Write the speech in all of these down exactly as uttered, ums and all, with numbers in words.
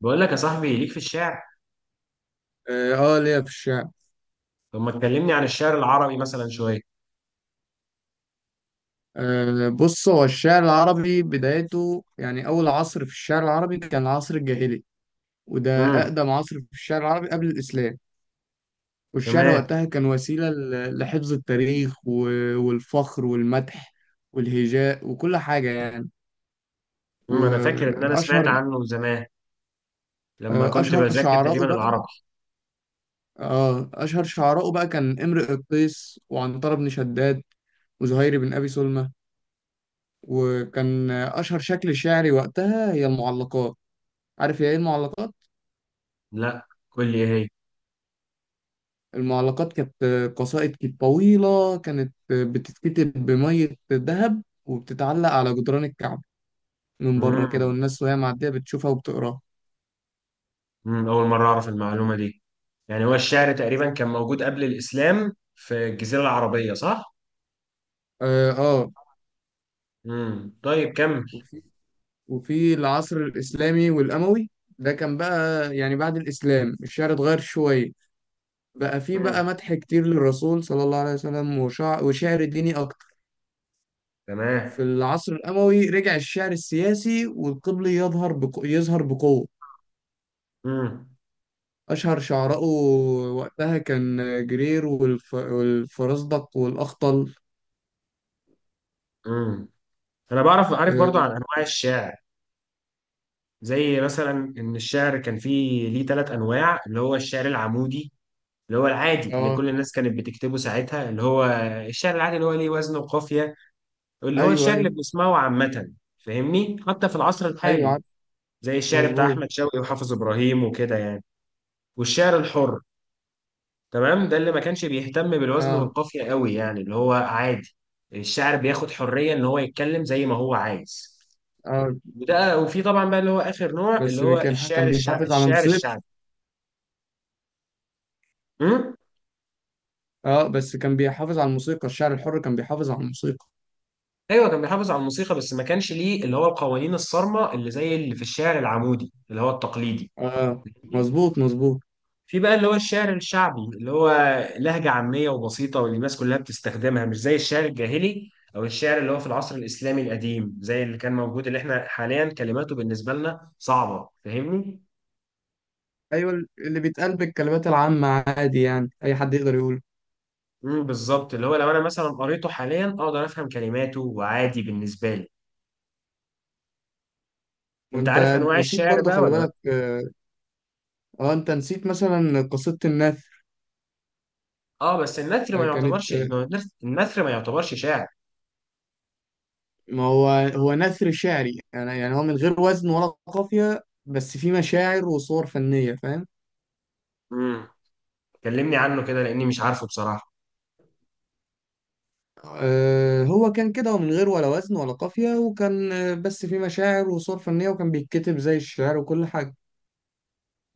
بقول لك يا صاحبي ليك في الشعر. اه، آه، ليا في الشعر. طب ما تكلمني عن الشعر العربي مثلا شويه. أه بص، هو الشعر العربي بدايته يعني اول عصر في الشعر العربي كان العصر الجاهلي. وده امم اقدم عصر في الشعر العربي قبل الاسلام. والشعر تمام. وقتها كان وسيله ل- لحفظ التاريخ و- والفخر والمدح والهجاء وكل حاجه يعني. امم انا فاكر ان انا واشهر سمعت عنه زمان لما آه، كنت اشهر بذاكر تقريبا شعراءه بقى. العربي. اه اشهر شعراءه بقى كان امرؤ القيس وعنتر بن شداد وزهير بن ابي سلمى. وكان اشهر شكل شعري وقتها هي المعلقات. عارف يا ايه المعلقات؟ لا، قول لي ايه هي. المعلقات كانت قصائد، كانت طويلة، كانت بتتكتب بمية ذهب وبتتعلق على جدران الكعبة من بره كده، امم والناس وهي معدية بتشوفها وبتقراها. امم اول مره اعرف المعلومه دي. يعني هو الشعر تقريبا كان موجود قبل الاسلام في الجزيره العربيه، صح؟ اه، آه. امم طيب، كمل. وفي وفي العصر الإسلامي والأموي، ده كان بقى يعني بعد الإسلام الشعر اتغير شوية. بقى في بقى امم مدح كتير للرسول صلى الله عليه وسلم وشع... وشعر ديني أكتر. تمام. في العصر الأموي رجع الشعر السياسي والقبلي يظهر بق... يظهر بقوة. امم أشهر شعراءه وقتها كان جرير والف... والفرزدق والأخطل. امم انا بعرف عارف برضو آه، عن انواع الشعر. زي مثلا ان الشعر كان فيه ليه ثلاث انواع، اللي هو الشعر العمودي، اللي هو العادي اللي آه، كل الناس كانت بتكتبه ساعتها، اللي هو الشعر العادي اللي هو ليه وزن وقافية، اللي هو أيوه، الشعر اللي أيوه. بنسمعه عامة، فاهمني، حتى في العصر أيوه، الحالي، عارف. زي الشعر بتاع مظبوط. أحمد شوقي وحافظ إبراهيم وكده يعني. والشعر الحر، تمام، ده اللي ما كانش بيهتم بالوزن آه. والقافية قوي، يعني اللي هو عادي، الشاعر بياخد حرية إن هو يتكلم زي ما هو عايز. آه، وده وفي طبعا بقى اللي هو آخر نوع اللي بس بي- هو كان ح- الشعر كان الشع... بيحافظ على الشعر موسيقى. الشعبي. آه، بس كان بيحافظ على الموسيقى. الشعر الحر كان بيحافظ على الموسيقى. ايوه، كان بيحافظ على الموسيقى بس ما كانش ليه اللي هو القوانين الصارمه اللي زي اللي في الشعر العمودي اللي هو التقليدي. آه. فاهمني؟ مظبوط، مظبوط. في بقى اللي هو الشعر الشعبي، اللي هو لهجه عاميه وبسيطه، واللي الناس كلها بتستخدمها، مش زي الشعر الجاهلي او الشعر اللي هو في العصر الاسلامي القديم، زي اللي كان موجود، اللي احنا حاليا كلماته بالنسبه لنا صعبه. فاهمني؟ أيوه، اللي بيتقال بالكلمات العامة عادي يعني أي حد يقدر يقوله. امم بالظبط، اللي هو لو انا مثلا قريته حاليا اقدر افهم كلماته وعادي بالنسبه لي. انت وأنت عارف انواع نسيت الشعر برضو، بقى خلي ولا لا؟ بالك. آه, آه أنت نسيت مثلا قصيدة النثر. اه، بس النثر آه ما كانت يعتبرش إنه، النثر ما يعتبرش شعر. ما هو، هو نثر شعري، يعني يعني هو من غير وزن ولا قافية بس فيه مشاعر وصور فنية، فاهم. امم كلمني عنه كده لاني مش عارفه بصراحه. آه، هو كان كده، ومن غير ولا وزن ولا قافية، وكان آه، بس فيه مشاعر وصور فنية، وكان بيتكتب زي الشعر وكل حاجة.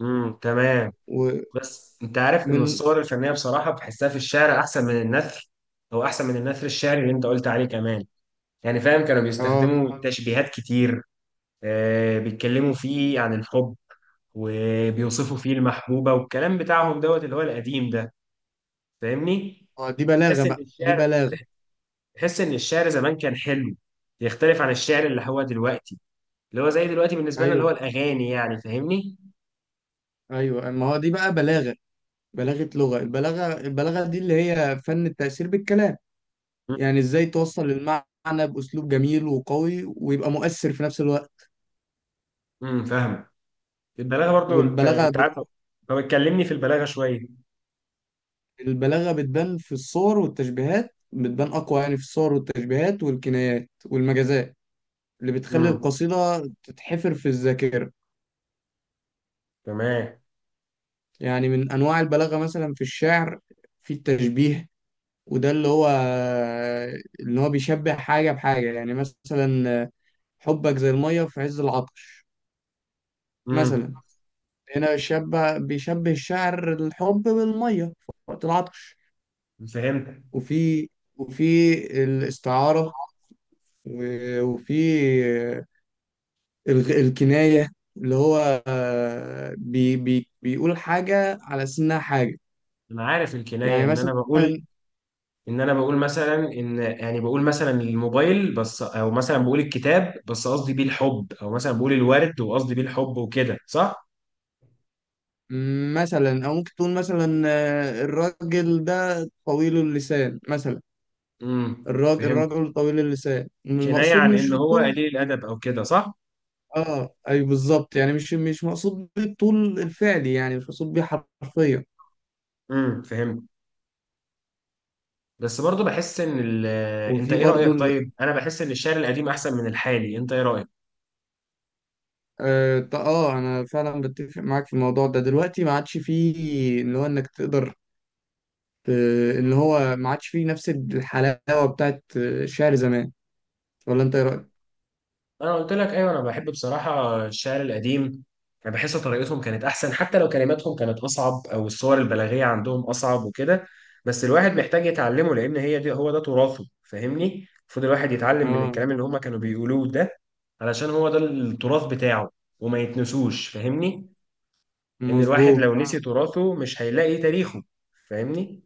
امم تمام. بس انت عارف ان ومن الصور الفنيه بصراحه بحسها في الشعر احسن من النثر، او احسن من النثر الشعري اللي انت قلت عليه كمان. يعني فاهم، كانوا اه بيستخدموا تشبيهات كتير. آه بيتكلموا فيه عن الحب، وبيوصفوا فيه المحبوبه والكلام بتاعهم دوت اللي هو القديم ده. فاهمني؟ آه، دي بلاغة تحس ان بقى، دي الشعر بلاغة. تحس ان الشعر زمان كان حلو، يختلف عن الشعر اللي هو دلوقتي، اللي هو زي دلوقتي بالنسبه لنا اللي هو ايوه، الاغاني، يعني فاهمني. ايوه، ما هو دي بقى بلاغة. بلاغة لغة. البلاغة البلاغة دي اللي هي فن التأثير بالكلام. يعني ازاي توصل المعنى بأسلوب جميل وقوي ويبقى مؤثر في نفس الوقت. امم فاهم. البلاغه برضو، انت والبلاغة انت عارف. طب اتكلمني في البلاغه شويه. البلاغة بتبان في الصور والتشبيهات بتبان أقوى يعني في الصور والتشبيهات والكنايات والمجازات اللي بتخلي امم القصيدة تتحفر في الذاكرة. تمام. يعني من أنواع البلاغة مثلا في الشعر، في التشبيه، وده اللي هو اللي هو بيشبه حاجة بحاجة. يعني مثلا، حبك زي المية في عز العطش امم مثلا. هنا شبه بيشبه الشعر الحب بالمية في وقت العطش. فهمت. وفي وفي الاستعارة، و- وفي الغ- الكناية، اللي هو آه، بي بي بيقول حاجة على أساس إنها حاجة. انا عارف الكنايه، يعني ان انا مثلا، بقول، ان انا بقول مثلا ان، يعني بقول مثلا الموبايل بس، او مثلا بقول الكتاب بس قصدي بيه الحب، او مثلا بقول الورد وقصدي بيه الحب، وكده صح؟ مثلا أو ممكن تقول مثلا آه، الراجل ده طويل اللسان مثلا. امم الراجل فهمت. الراجل طويل اللسان، كنايه المقصود عن مش ان هو الطول. قليل الادب او كده، صح؟ اه، اي، بالظبط. يعني مش مش مقصود بالطول الفعلي، يعني مش مقصود بيه حرفيا. امم فهمت، بس برضو بحس ان ال... انت وفي ايه برضو رايك؟ ال... طيب، انا بحس ان الشعر القديم احسن من الحالي، انت ايه رايك؟ اه، ط- آه، انا فعلا بتفق معاك في الموضوع ده. دلوقتي ما عادش فيه اللي هو انك تقدر، آه، اللي هو ما عادش فيه نفس الحلاوة بتاعت آه، الشعر زمان. ولا انت ايه رأيك؟ انا قلت لك ايوه، انا بحب بصراحه الشعر القديم. انا بحس طريقتهم كانت احسن، حتى لو كلماتهم كانت اصعب او الصور البلاغيه عندهم اصعب وكده، بس الواحد محتاج يتعلمه لان هي دي هو ده تراثه. فاهمني؟ المفروض الواحد يتعلم من اه، الكلام اللي هما كانوا بيقولوه ده علشان هو ده التراث بتاعه، وما يتنسوش. فاهمني؟ ان الواحد لو مظبوط، آه. نسي تراثه مش هيلاقي تاريخه. فاهمني؟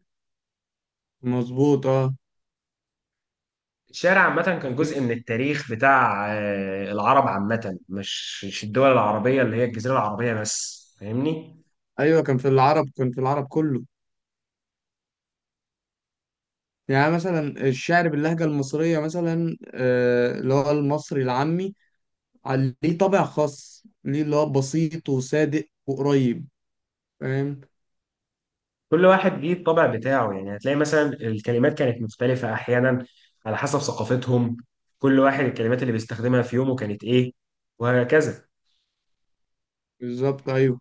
مظبوط. اه. الشارع عامة كان في جزء من التاريخ بتاع آه، العرب عامة، مش مش الدول العربية اللي هي الجزيرة العربية بس. فاهمني؟ ايوه، كان في العرب كان في العرب كله. يعني مثلا الشعر باللهجة المصرية مثلا، آه، اللي هو المصري العامي على- ليه طابع خاص، ليه اللي هو بسيط وصادق وقريب، فاهم. كل واحد ليه الطبع بتاعه، يعني هتلاقي مثلا الكلمات كانت مختلفة أحيانا على حسب ثقافتهم، كل واحد الكلمات اللي بيستخدمها في يومه كانت إيه، وهكذا. بالظبط، ايوه.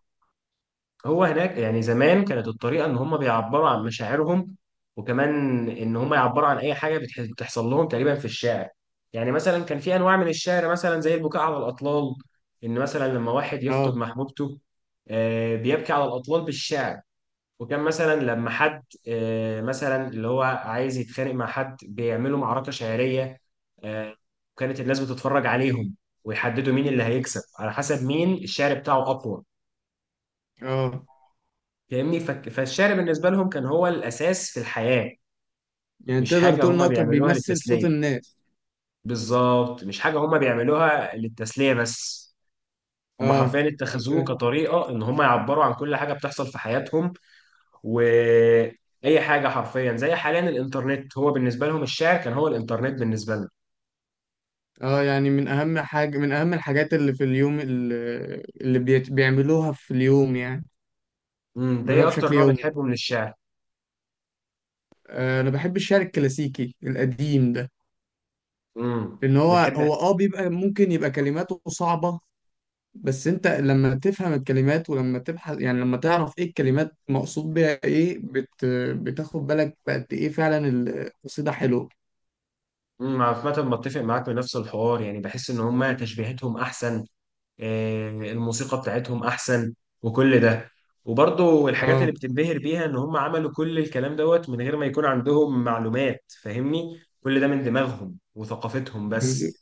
هو هناك يعني زمان كانت الطريقة إن هم بيعبروا عن مشاعرهم، وكمان إن هم يعبروا عن أي حاجة بتح- بتحصل لهم تقريبا في الشعر. يعني مثلا كان في أنواع من الشعر، مثلا زي البكاء على الأطلال، إن مثلا لما واحد يفقد اه، محبوبته، آه، بيبكي على الأطلال بالشعر. وكان مثلا لما حد آه، مثلا اللي هو عايز يتخانق مع حد بيعملوا معركة شعرية، آه، وكانت الناس بتتفرج عليهم، ويحددوا مين اللي هيكسب على حسب مين الشعر بتاعه أقوى. اه. فاهمني؟ فك- فالشعر بالنسبة لهم كان هو الأساس في الحياة، يعني مش تقدر حاجة تقول ان هما هو كان بيعملوها بيمثل صوت للتسلية. الناس. بالظبط، مش حاجة هما بيعملوها للتسلية بس، هما اه، حرفيا اتخذوه كطريقة إن هما يعبروا عن كل حاجة بتحصل في حياتهم، وأي حاجة حرفيا. زي حاليا الإنترنت، هو بالنسبة لهم الشعر كان هو الإنترنت بالنسبة لنا. اه. يعني من اهم حاجة، من اهم الحاجات اللي في اليوم، اللي, اللي بيت- بيعملوها في اليوم يعني، امم أنت إيه بيعملوها أكتر بشكل نوع يومي. بتحبه من الشعر؟ آه، انا بحب الشعر الكلاسيكي القديم ده. امم لان هو بتحب. هو اه بيبقى ممكن يبقى كلماته صعبة. بس انت لما تفهم الكلمات، ولما تبحث، يعني لما تعرف ايه الكلمات مقصود بيها ايه، بت بتاخد بالك بقد ايه فعلا القصيدة حلوة. امم عامة بتفق معاك بنفس الحوار، يعني بحس إن هما تشبيهاتهم أحسن، آه، الموسيقى بتاعتهم احسن، وكل ده، وبرضه الحاجات اه، اللي بتنبهر بيها ان هم عملوا كل الكلام دوت من غير ما يكون عندهم معلومات. فاهمني؟ كل ده من دماغهم وثقافتهم بس.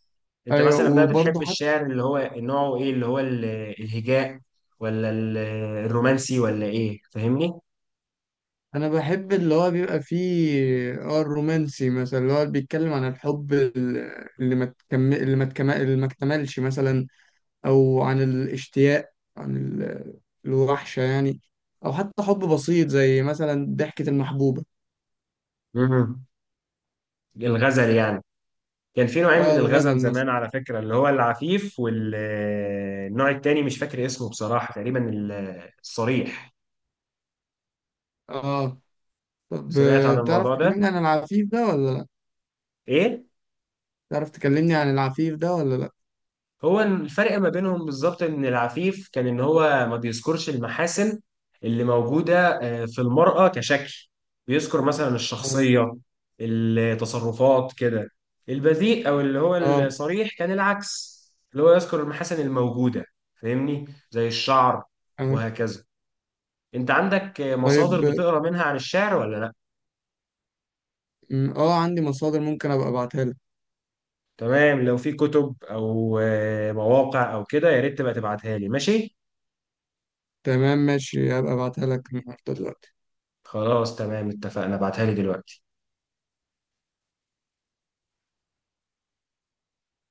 انت ايوه. مثلا بقى بتحب وبرضه الشعر اللي هو نوعه ايه، اللي هو ال- الهجاء ولا ال- الرومانسي، ولا ايه؟ فاهمني؟ انا بحب اللي هو بيبقى فيه، اه الرومانسي مثلا اللي هو بيتكلم عن الحب، ال- اللي ما تكمل اللي ما تكمل اللي ما اكتملش مثلا، او عن الاشتياق، عن ال- الوحشة يعني، او حتى حب بسيط زي مثلا ضحكة المحبوبة. مم. الغزل يعني. كان في نوعين اه، من الغزل الغزل مثلا. زمان على فكرة، اللي هو العفيف والنوع التاني مش فاكر اسمه بصراحة، تقريبا ال- الصريح. اه، طب، سمعت آه، عن تعرف الموضوع ده. تكلمني عن العفيف ده ولا لا ايه تعرف تكلمني عن العفيف ده ولا لا هو الفرق ما بينهم بالظبط؟ ان العفيف كان ان هو ما بيذكرش المحاسن اللي موجودة آه، في المرأة كشكل، بيذكر مثلا اه. الشخصية، التصرفات كده. البذيء او اللي هو اه. الصريح كان العكس، اللي هو يذكر المحاسن الموجودة. فاهمني؟ زي الشعر، آه. وهكذا. انت عندك آه، مصادر طيب. بتقرا منها عن الشعر ولا لا؟ م، اه عندي مصادر ممكن ابقى ابعتها لك. تمام، لو في كتب او آه، مواقع او كده يا ريت تبقى تبعتها لي، ماشي؟ تمام، ماشي، هبقى ابعتها لك النهارده دلوقتي. خلاص، تمام، اتفقنا، ابعتها لي دلوقتي.